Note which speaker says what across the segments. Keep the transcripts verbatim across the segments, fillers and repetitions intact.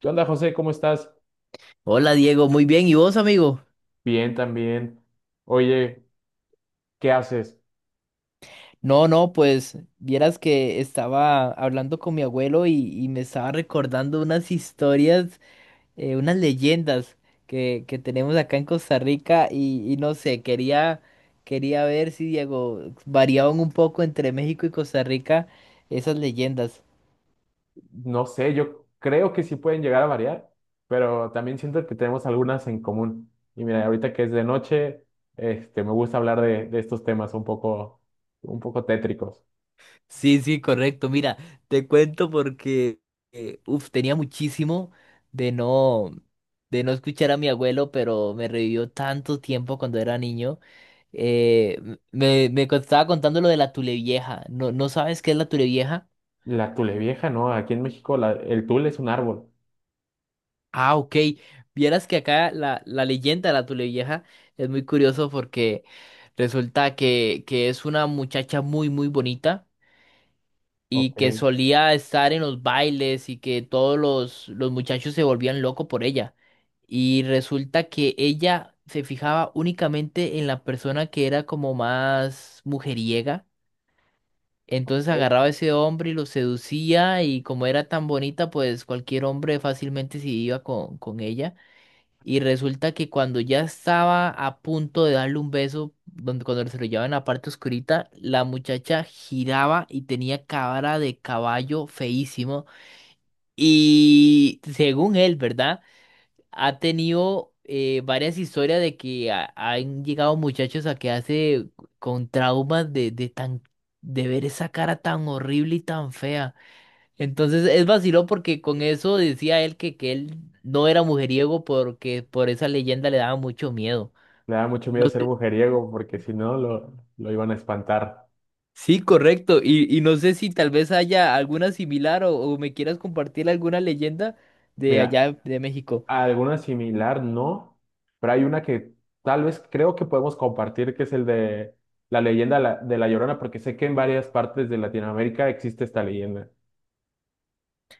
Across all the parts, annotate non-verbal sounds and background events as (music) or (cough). Speaker 1: ¿Qué onda, José? ¿Cómo estás?
Speaker 2: Hola Diego, muy bien. ¿Y vos, amigo?
Speaker 1: Bien, también. Oye, ¿qué haces?
Speaker 2: No, no, pues vieras que estaba hablando con mi abuelo y, y me estaba recordando unas historias, eh, unas leyendas que, que tenemos acá en Costa Rica y, y no sé, quería, quería ver si, Diego, variaban un poco entre México y Costa Rica esas leyendas.
Speaker 1: No sé, yo creo que sí pueden llegar a variar, pero también siento que tenemos algunas en común. Y mira, ahorita que es de noche, este, me gusta hablar de, de estos temas un poco, un poco tétricos.
Speaker 2: Sí, sí, correcto. Mira, te cuento porque eh, uf, tenía muchísimo de no de no escuchar a mi abuelo, pero me revivió tanto tiempo cuando era niño. Eh, m- me, me co- estaba contando lo de la Tulevieja. ¿No, no sabes qué es la Tulevieja?
Speaker 1: La tule vieja, ¿no? Aquí en México la- el tule es un árbol.
Speaker 2: Ah, ok. Vieras que acá la, la leyenda de la Tulevieja es muy curioso porque resulta que, que es una muchacha muy, muy bonita y
Speaker 1: Ok.
Speaker 2: que solía estar en los bailes y que todos los, los muchachos se volvían locos por ella. Y resulta que ella se fijaba únicamente en la persona que era como más mujeriega. Entonces
Speaker 1: Ok.
Speaker 2: agarraba a ese hombre y lo seducía y como era tan bonita, pues cualquier hombre fácilmente se iba con, con ella. Y resulta que cuando ya estaba a punto de darle un beso, donde cuando se lo llevaba en la parte oscurita, la muchacha giraba y tenía cara de caballo feísimo. Y según él, ¿verdad? Ha tenido eh, varias historias de que ha- han llegado muchachos a quedarse con traumas de, de tan de ver esa cara tan horrible y tan fea. Entonces es vaciló porque con eso decía él que, que él no era mujeriego porque por esa leyenda le daba mucho miedo.
Speaker 1: Le da mucho miedo
Speaker 2: No
Speaker 1: ser
Speaker 2: sé-
Speaker 1: mujeriego porque si no lo, lo iban a espantar.
Speaker 2: Sí, correcto. Y, y no sé si tal vez haya alguna similar o, o me quieras compartir alguna leyenda de
Speaker 1: Mira,
Speaker 2: allá de México.
Speaker 1: alguna similar, no, pero hay una que tal vez creo que podemos compartir, que es el de la leyenda de la de La Llorona, porque sé que en varias partes de Latinoamérica existe esta leyenda.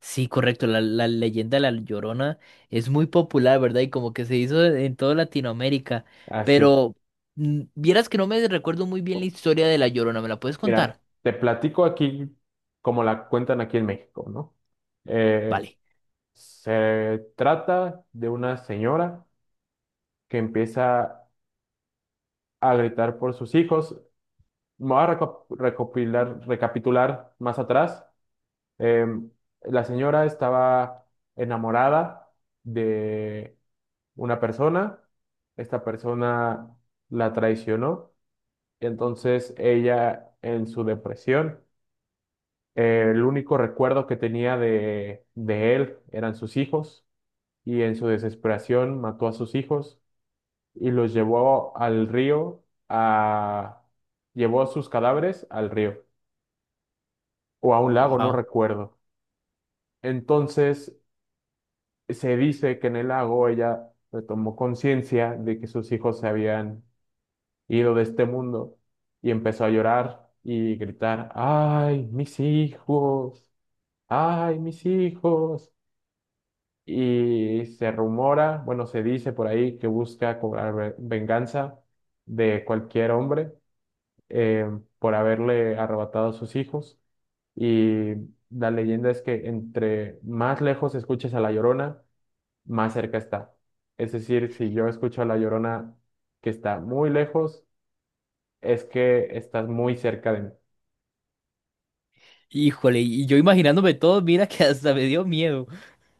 Speaker 2: Sí, correcto. La, la leyenda de la Llorona es muy popular, ¿verdad? Y como que se hizo en toda Latinoamérica.
Speaker 1: Así es.
Speaker 2: Pero mm, vieras que no me recuerdo muy bien la historia de la Llorona. ¿Me la puedes
Speaker 1: Mira,
Speaker 2: contar?
Speaker 1: te platico aquí como la cuentan aquí en México, ¿no? Eh,
Speaker 2: Vale.
Speaker 1: Se trata de una señora que empieza a gritar por sus hijos. Me voy a reco- recopilar, recapitular más atrás. Em, la señora estaba enamorada de una persona. Esta persona la traicionó, entonces ella en su depresión, eh, el único recuerdo que tenía de, de él eran sus hijos, y en su desesperación mató a sus hijos y los llevó al río a... llevó sus cadáveres al río o a un lago, no
Speaker 2: Wow.
Speaker 1: recuerdo. Entonces, se dice que en el lago ella tomó conciencia de que sus hijos se habían ido de este mundo y empezó a llorar y gritar: ¡ay, mis hijos! ¡Ay, mis hijos! Y se rumora, bueno, se dice por ahí que busca cobrar ve- venganza de cualquier hombre eh, por haberle arrebatado a sus hijos. Y la leyenda es que entre más lejos escuches a La Llorona, más cerca está. Es decir, si yo escucho a La Llorona que está muy lejos, es que estás muy cerca de mí.
Speaker 2: Híjole, y yo imaginándome todo, mira que (laughs) hasta me dio miedo.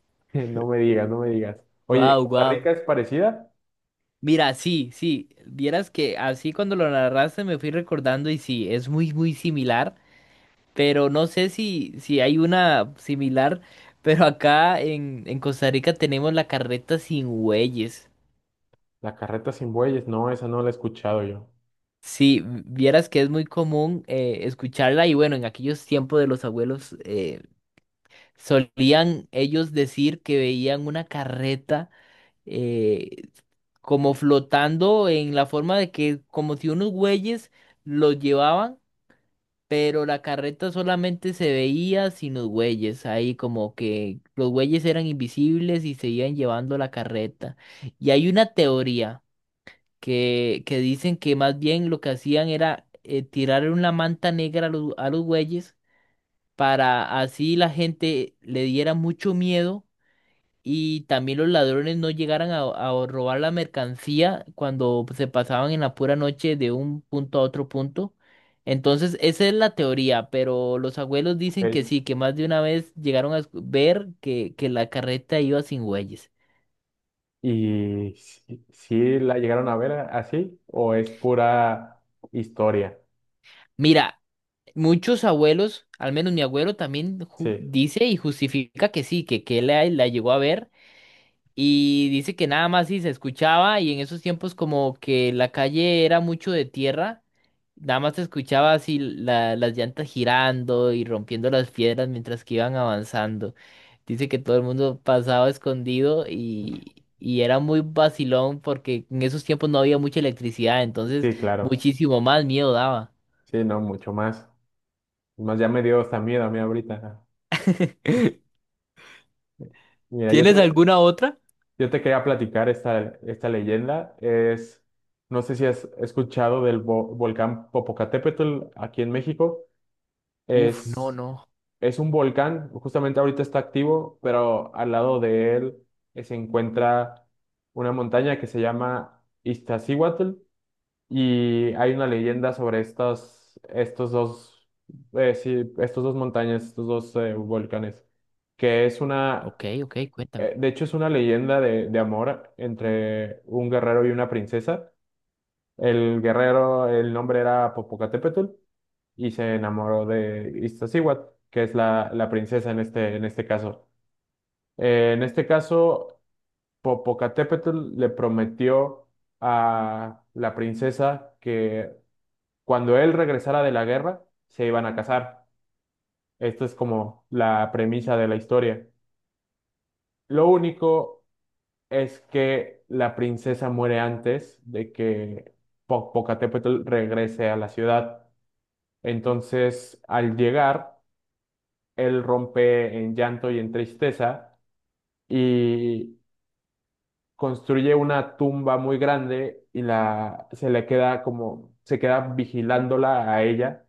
Speaker 1: (laughs) No me digas, no me digas. Oye, ¿en
Speaker 2: Wow,
Speaker 1: ¿Costa
Speaker 2: wow.
Speaker 1: Rica es parecida?
Speaker 2: Mira, sí, sí, vieras que así cuando lo narraste me fui recordando y sí, es muy, muy similar, pero no sé si, si hay una similar, pero acá en, en Costa Rica tenemos la carreta sin bueyes.
Speaker 1: La carreta sin bueyes, no, esa no la he escuchado yo.
Speaker 2: Sí, vieras que es muy común eh, escucharla y bueno, en aquellos tiempos de los abuelos eh, solían ellos decir que veían una carreta. eh, Como flotando en la forma de que como si unos bueyes los llevaban, pero la carreta solamente se veía sin los bueyes, ahí como que los bueyes eran invisibles y se iban llevando la carreta. Y hay una teoría que, que dicen que más bien lo que hacían era eh, tirar una manta negra a los, a los bueyes para así la gente le diera mucho miedo y también los ladrones no llegaran a, a robar la mercancía cuando se pasaban en la pura noche de un punto a otro punto. Entonces, esa es la teoría, pero los abuelos dicen que
Speaker 1: Ok.
Speaker 2: sí, que más de una vez llegaron a escu- ver que, que la carreta iba sin bueyes.
Speaker 1: ¿Y si, si la llegaron a ver a- así o es pura historia?
Speaker 2: Mira, muchos abuelos, al menos mi abuelo también ju-
Speaker 1: Sí,
Speaker 2: dice y justifica que sí, que, que él la, la llegó a ver. Y dice que nada más sí se escuchaba y en esos tiempos como que la calle era mucho de tierra. Nada más te escuchaba así la- las llantas girando y rompiendo las piedras mientras que iban avanzando. Dice que todo el mundo pasaba escondido y, y era muy vacilón porque en esos tiempos no había mucha electricidad, entonces
Speaker 1: sí, claro.
Speaker 2: muchísimo más miedo daba.
Speaker 1: Sí, no, mucho más. Más ya me dio hasta miedo a mí ahorita.
Speaker 2: (laughs)
Speaker 1: Mira, yo
Speaker 2: ¿Tienes
Speaker 1: te,
Speaker 2: alguna otra?
Speaker 1: yo te quería platicar esta, esta leyenda. Es, no sé si has escuchado del vo- volcán Popocatépetl aquí en México.
Speaker 2: Uf, no,
Speaker 1: Es,
Speaker 2: no.
Speaker 1: es un volcán, justamente ahorita está activo, pero al lado de él eh, se encuentra una montaña que se llama Iztaccíhuatl, y hay una leyenda sobre estas, estos dos, eh, sí, estos dos montañas, estos dos eh, volcanes, que es una
Speaker 2: Ok, ok, cuéntame.
Speaker 1: eh, De hecho, es una leyenda de, de amor entre un guerrero y una princesa. El guerrero, el nombre era Popocatépetl, y se enamoró de Iztaccíhuatl, que es la, la princesa en este, en este caso. Eh, en este caso, Popocatépetl le prometió a la princesa que cuando él regresara de la guerra, se iban a casar. Esta es como la premisa de la historia. Lo único es que la princesa muere antes de que Po- Popocatépetl regrese a la ciudad. Entonces, al llegar, él rompe en llanto y en tristeza y construye una tumba muy grande, y la se le queda, como se queda vigilándola a ella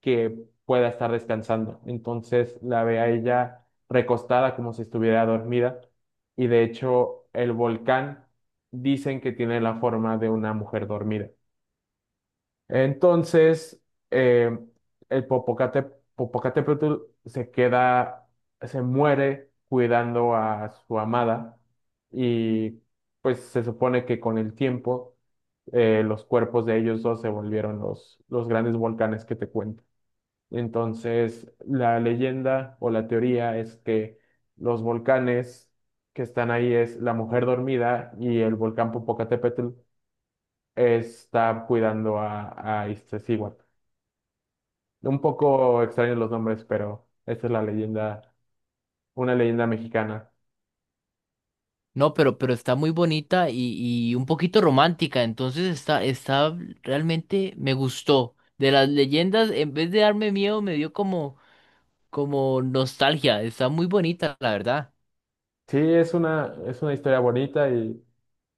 Speaker 1: que pueda estar descansando. Entonces la ve a ella recostada como si estuviera dormida, y de hecho el volcán dicen que tiene la forma de una mujer dormida. Entonces eh, el Popocate, Popocatépetl se queda, se muere cuidando a su amada, y pues se supone que con el tiempo eh, los cuerpos de ellos dos se volvieron los, los grandes volcanes que te cuento. Entonces, la leyenda o la teoría es que los volcanes que están ahí es la mujer dormida y el volcán Popocatépetl está cuidando a, a Iztaccíhuatl. Un poco extraños los nombres, pero esta es la leyenda, una leyenda mexicana.
Speaker 2: No, pero, pero está muy bonita y, y un poquito romántica, entonces está, está, realmente me gustó. De las leyendas, en vez de darme miedo, me dio como como nostalgia. Está muy bonita, la verdad.
Speaker 1: Sí, es una, es una historia bonita. Y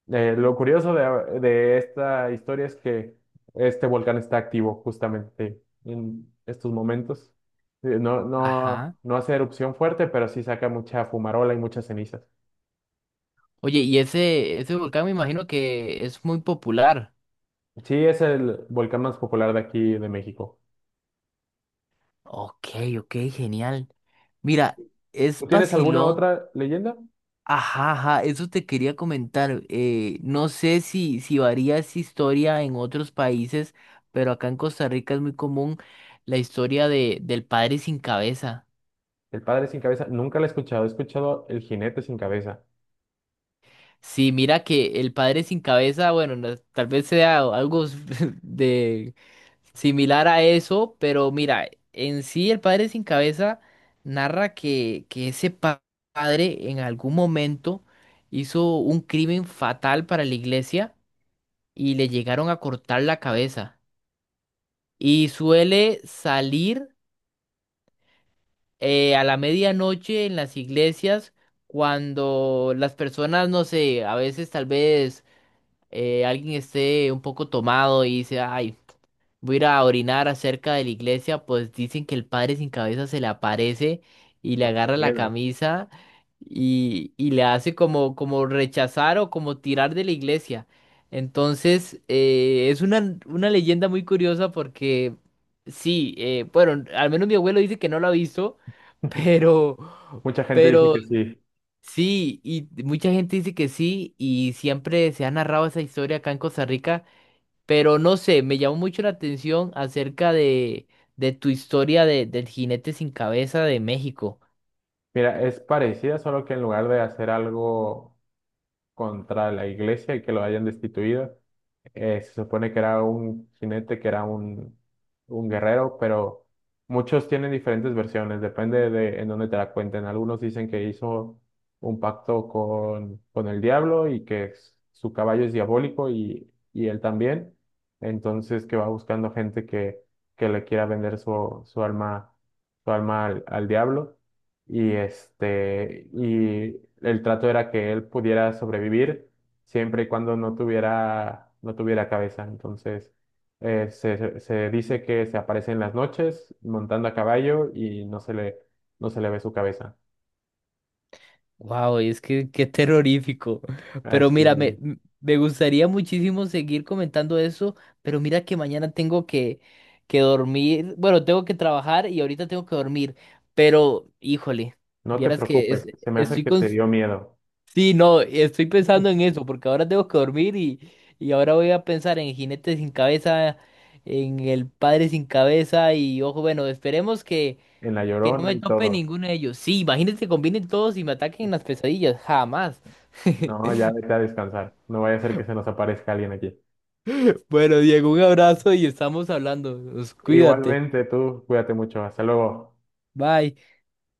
Speaker 1: Eh, lo curioso de, de esta historia es que este volcán está activo justamente en estos momentos. Eh, No, no,
Speaker 2: Ajá.
Speaker 1: no hace erupción fuerte, pero sí saca mucha fumarola y muchas cenizas.
Speaker 2: Oye, y ese, ese volcán me imagino que es muy popular.
Speaker 1: Sí, es el volcán más popular de aquí de México.
Speaker 2: Ok, ok, genial. Mira, es
Speaker 1: ¿Tú tienes alguna
Speaker 2: vacilón.
Speaker 1: otra leyenda?
Speaker 2: Ajá, ajá, eso te quería comentar. Eh, no sé si, si varía esa historia en otros países, pero acá en Costa Rica es muy común la historia de, del padre sin cabeza.
Speaker 1: El padre sin cabeza. Nunca la he escuchado. He escuchado el jinete sin cabeza.
Speaker 2: Sí, mira que el padre sin cabeza, bueno, no- tal vez sea algo (laughs) de similar a eso, pero mira, en sí el padre sin cabeza narra que, que ese pa- padre en algún momento hizo un crimen fatal para la iglesia y le llegaron a cortar la cabeza. Y suele salir eh, a la medianoche en las iglesias cuando las personas, no sé, a veces tal vez eh, alguien esté un poco tomado y dice, ay, voy a ir a orinar acerca de la iglesia, pues dicen que el padre sin cabeza se le aparece y le
Speaker 1: No te
Speaker 2: agarra la
Speaker 1: niego.
Speaker 2: camisa y, y le hace como, como rechazar o como tirar de la iglesia. Entonces, eh, es una, una leyenda muy curiosa porque sí, eh, bueno, al menos mi abuelo dice que no lo ha visto, (laughs)
Speaker 1: (laughs)
Speaker 2: pero...
Speaker 1: Mucha gente dice
Speaker 2: Pero
Speaker 1: que sí.
Speaker 2: sí, y mucha gente dice que sí, y siempre se ha narrado esa historia acá en Costa Rica, pero no sé, me llamó mucho la atención acerca de, de tu historia de, del jinete sin cabeza de México.
Speaker 1: Mira, es parecida, solo que en lugar de hacer algo contra la iglesia y que lo hayan destituido. Eh, se supone que era un jinete, que era un, un guerrero, pero muchos tienen diferentes versiones, depende de en dónde te la cuenten. Algunos dicen que hizo un pacto con, con el diablo, y que s- su caballo es diabólico, y, y él también. Entonces que va buscando gente que, que le quiera vender su, su alma, su alma al al diablo, y este, y el trato era que él pudiera sobrevivir siempre y cuando no tuviera, no tuviera cabeza. Entonces, eh, se, se se dice que se aparece en las noches montando a caballo, y no se le, no se le ve su cabeza.
Speaker 2: Wow, es que qué terrorífico. (laughs) Pero
Speaker 1: Así,
Speaker 2: mira, me, m- me gustaría muchísimo seguir comentando eso, pero mira que mañana tengo que, que dormir, bueno, tengo que trabajar y ahorita tengo que dormir, pero híjole,
Speaker 1: no te
Speaker 2: vieras que es-
Speaker 1: preocupes, se me hace
Speaker 2: estoy
Speaker 1: que
Speaker 2: con
Speaker 1: te dio miedo
Speaker 2: Sí, no, estoy pensando en eso, porque ahora tengo que dormir y, y ahora voy a pensar en Jinete sin cabeza, en el Padre sin cabeza y ojo, bueno, esperemos que,
Speaker 1: (laughs) en La
Speaker 2: que no
Speaker 1: Llorona
Speaker 2: me
Speaker 1: y
Speaker 2: tope
Speaker 1: todo.
Speaker 2: ninguno de ellos. Sí, imagínense que combinen todos y me ataquen en las pesadillas, jamás. (laughs)
Speaker 1: No, ya vete a descansar. No vaya a ser que se nos aparezca alguien aquí.
Speaker 2: Bueno, Diego, un abrazo y estamos hablando. Cuídate.
Speaker 1: Igualmente, tú cuídate mucho. Hasta luego.
Speaker 2: Bye.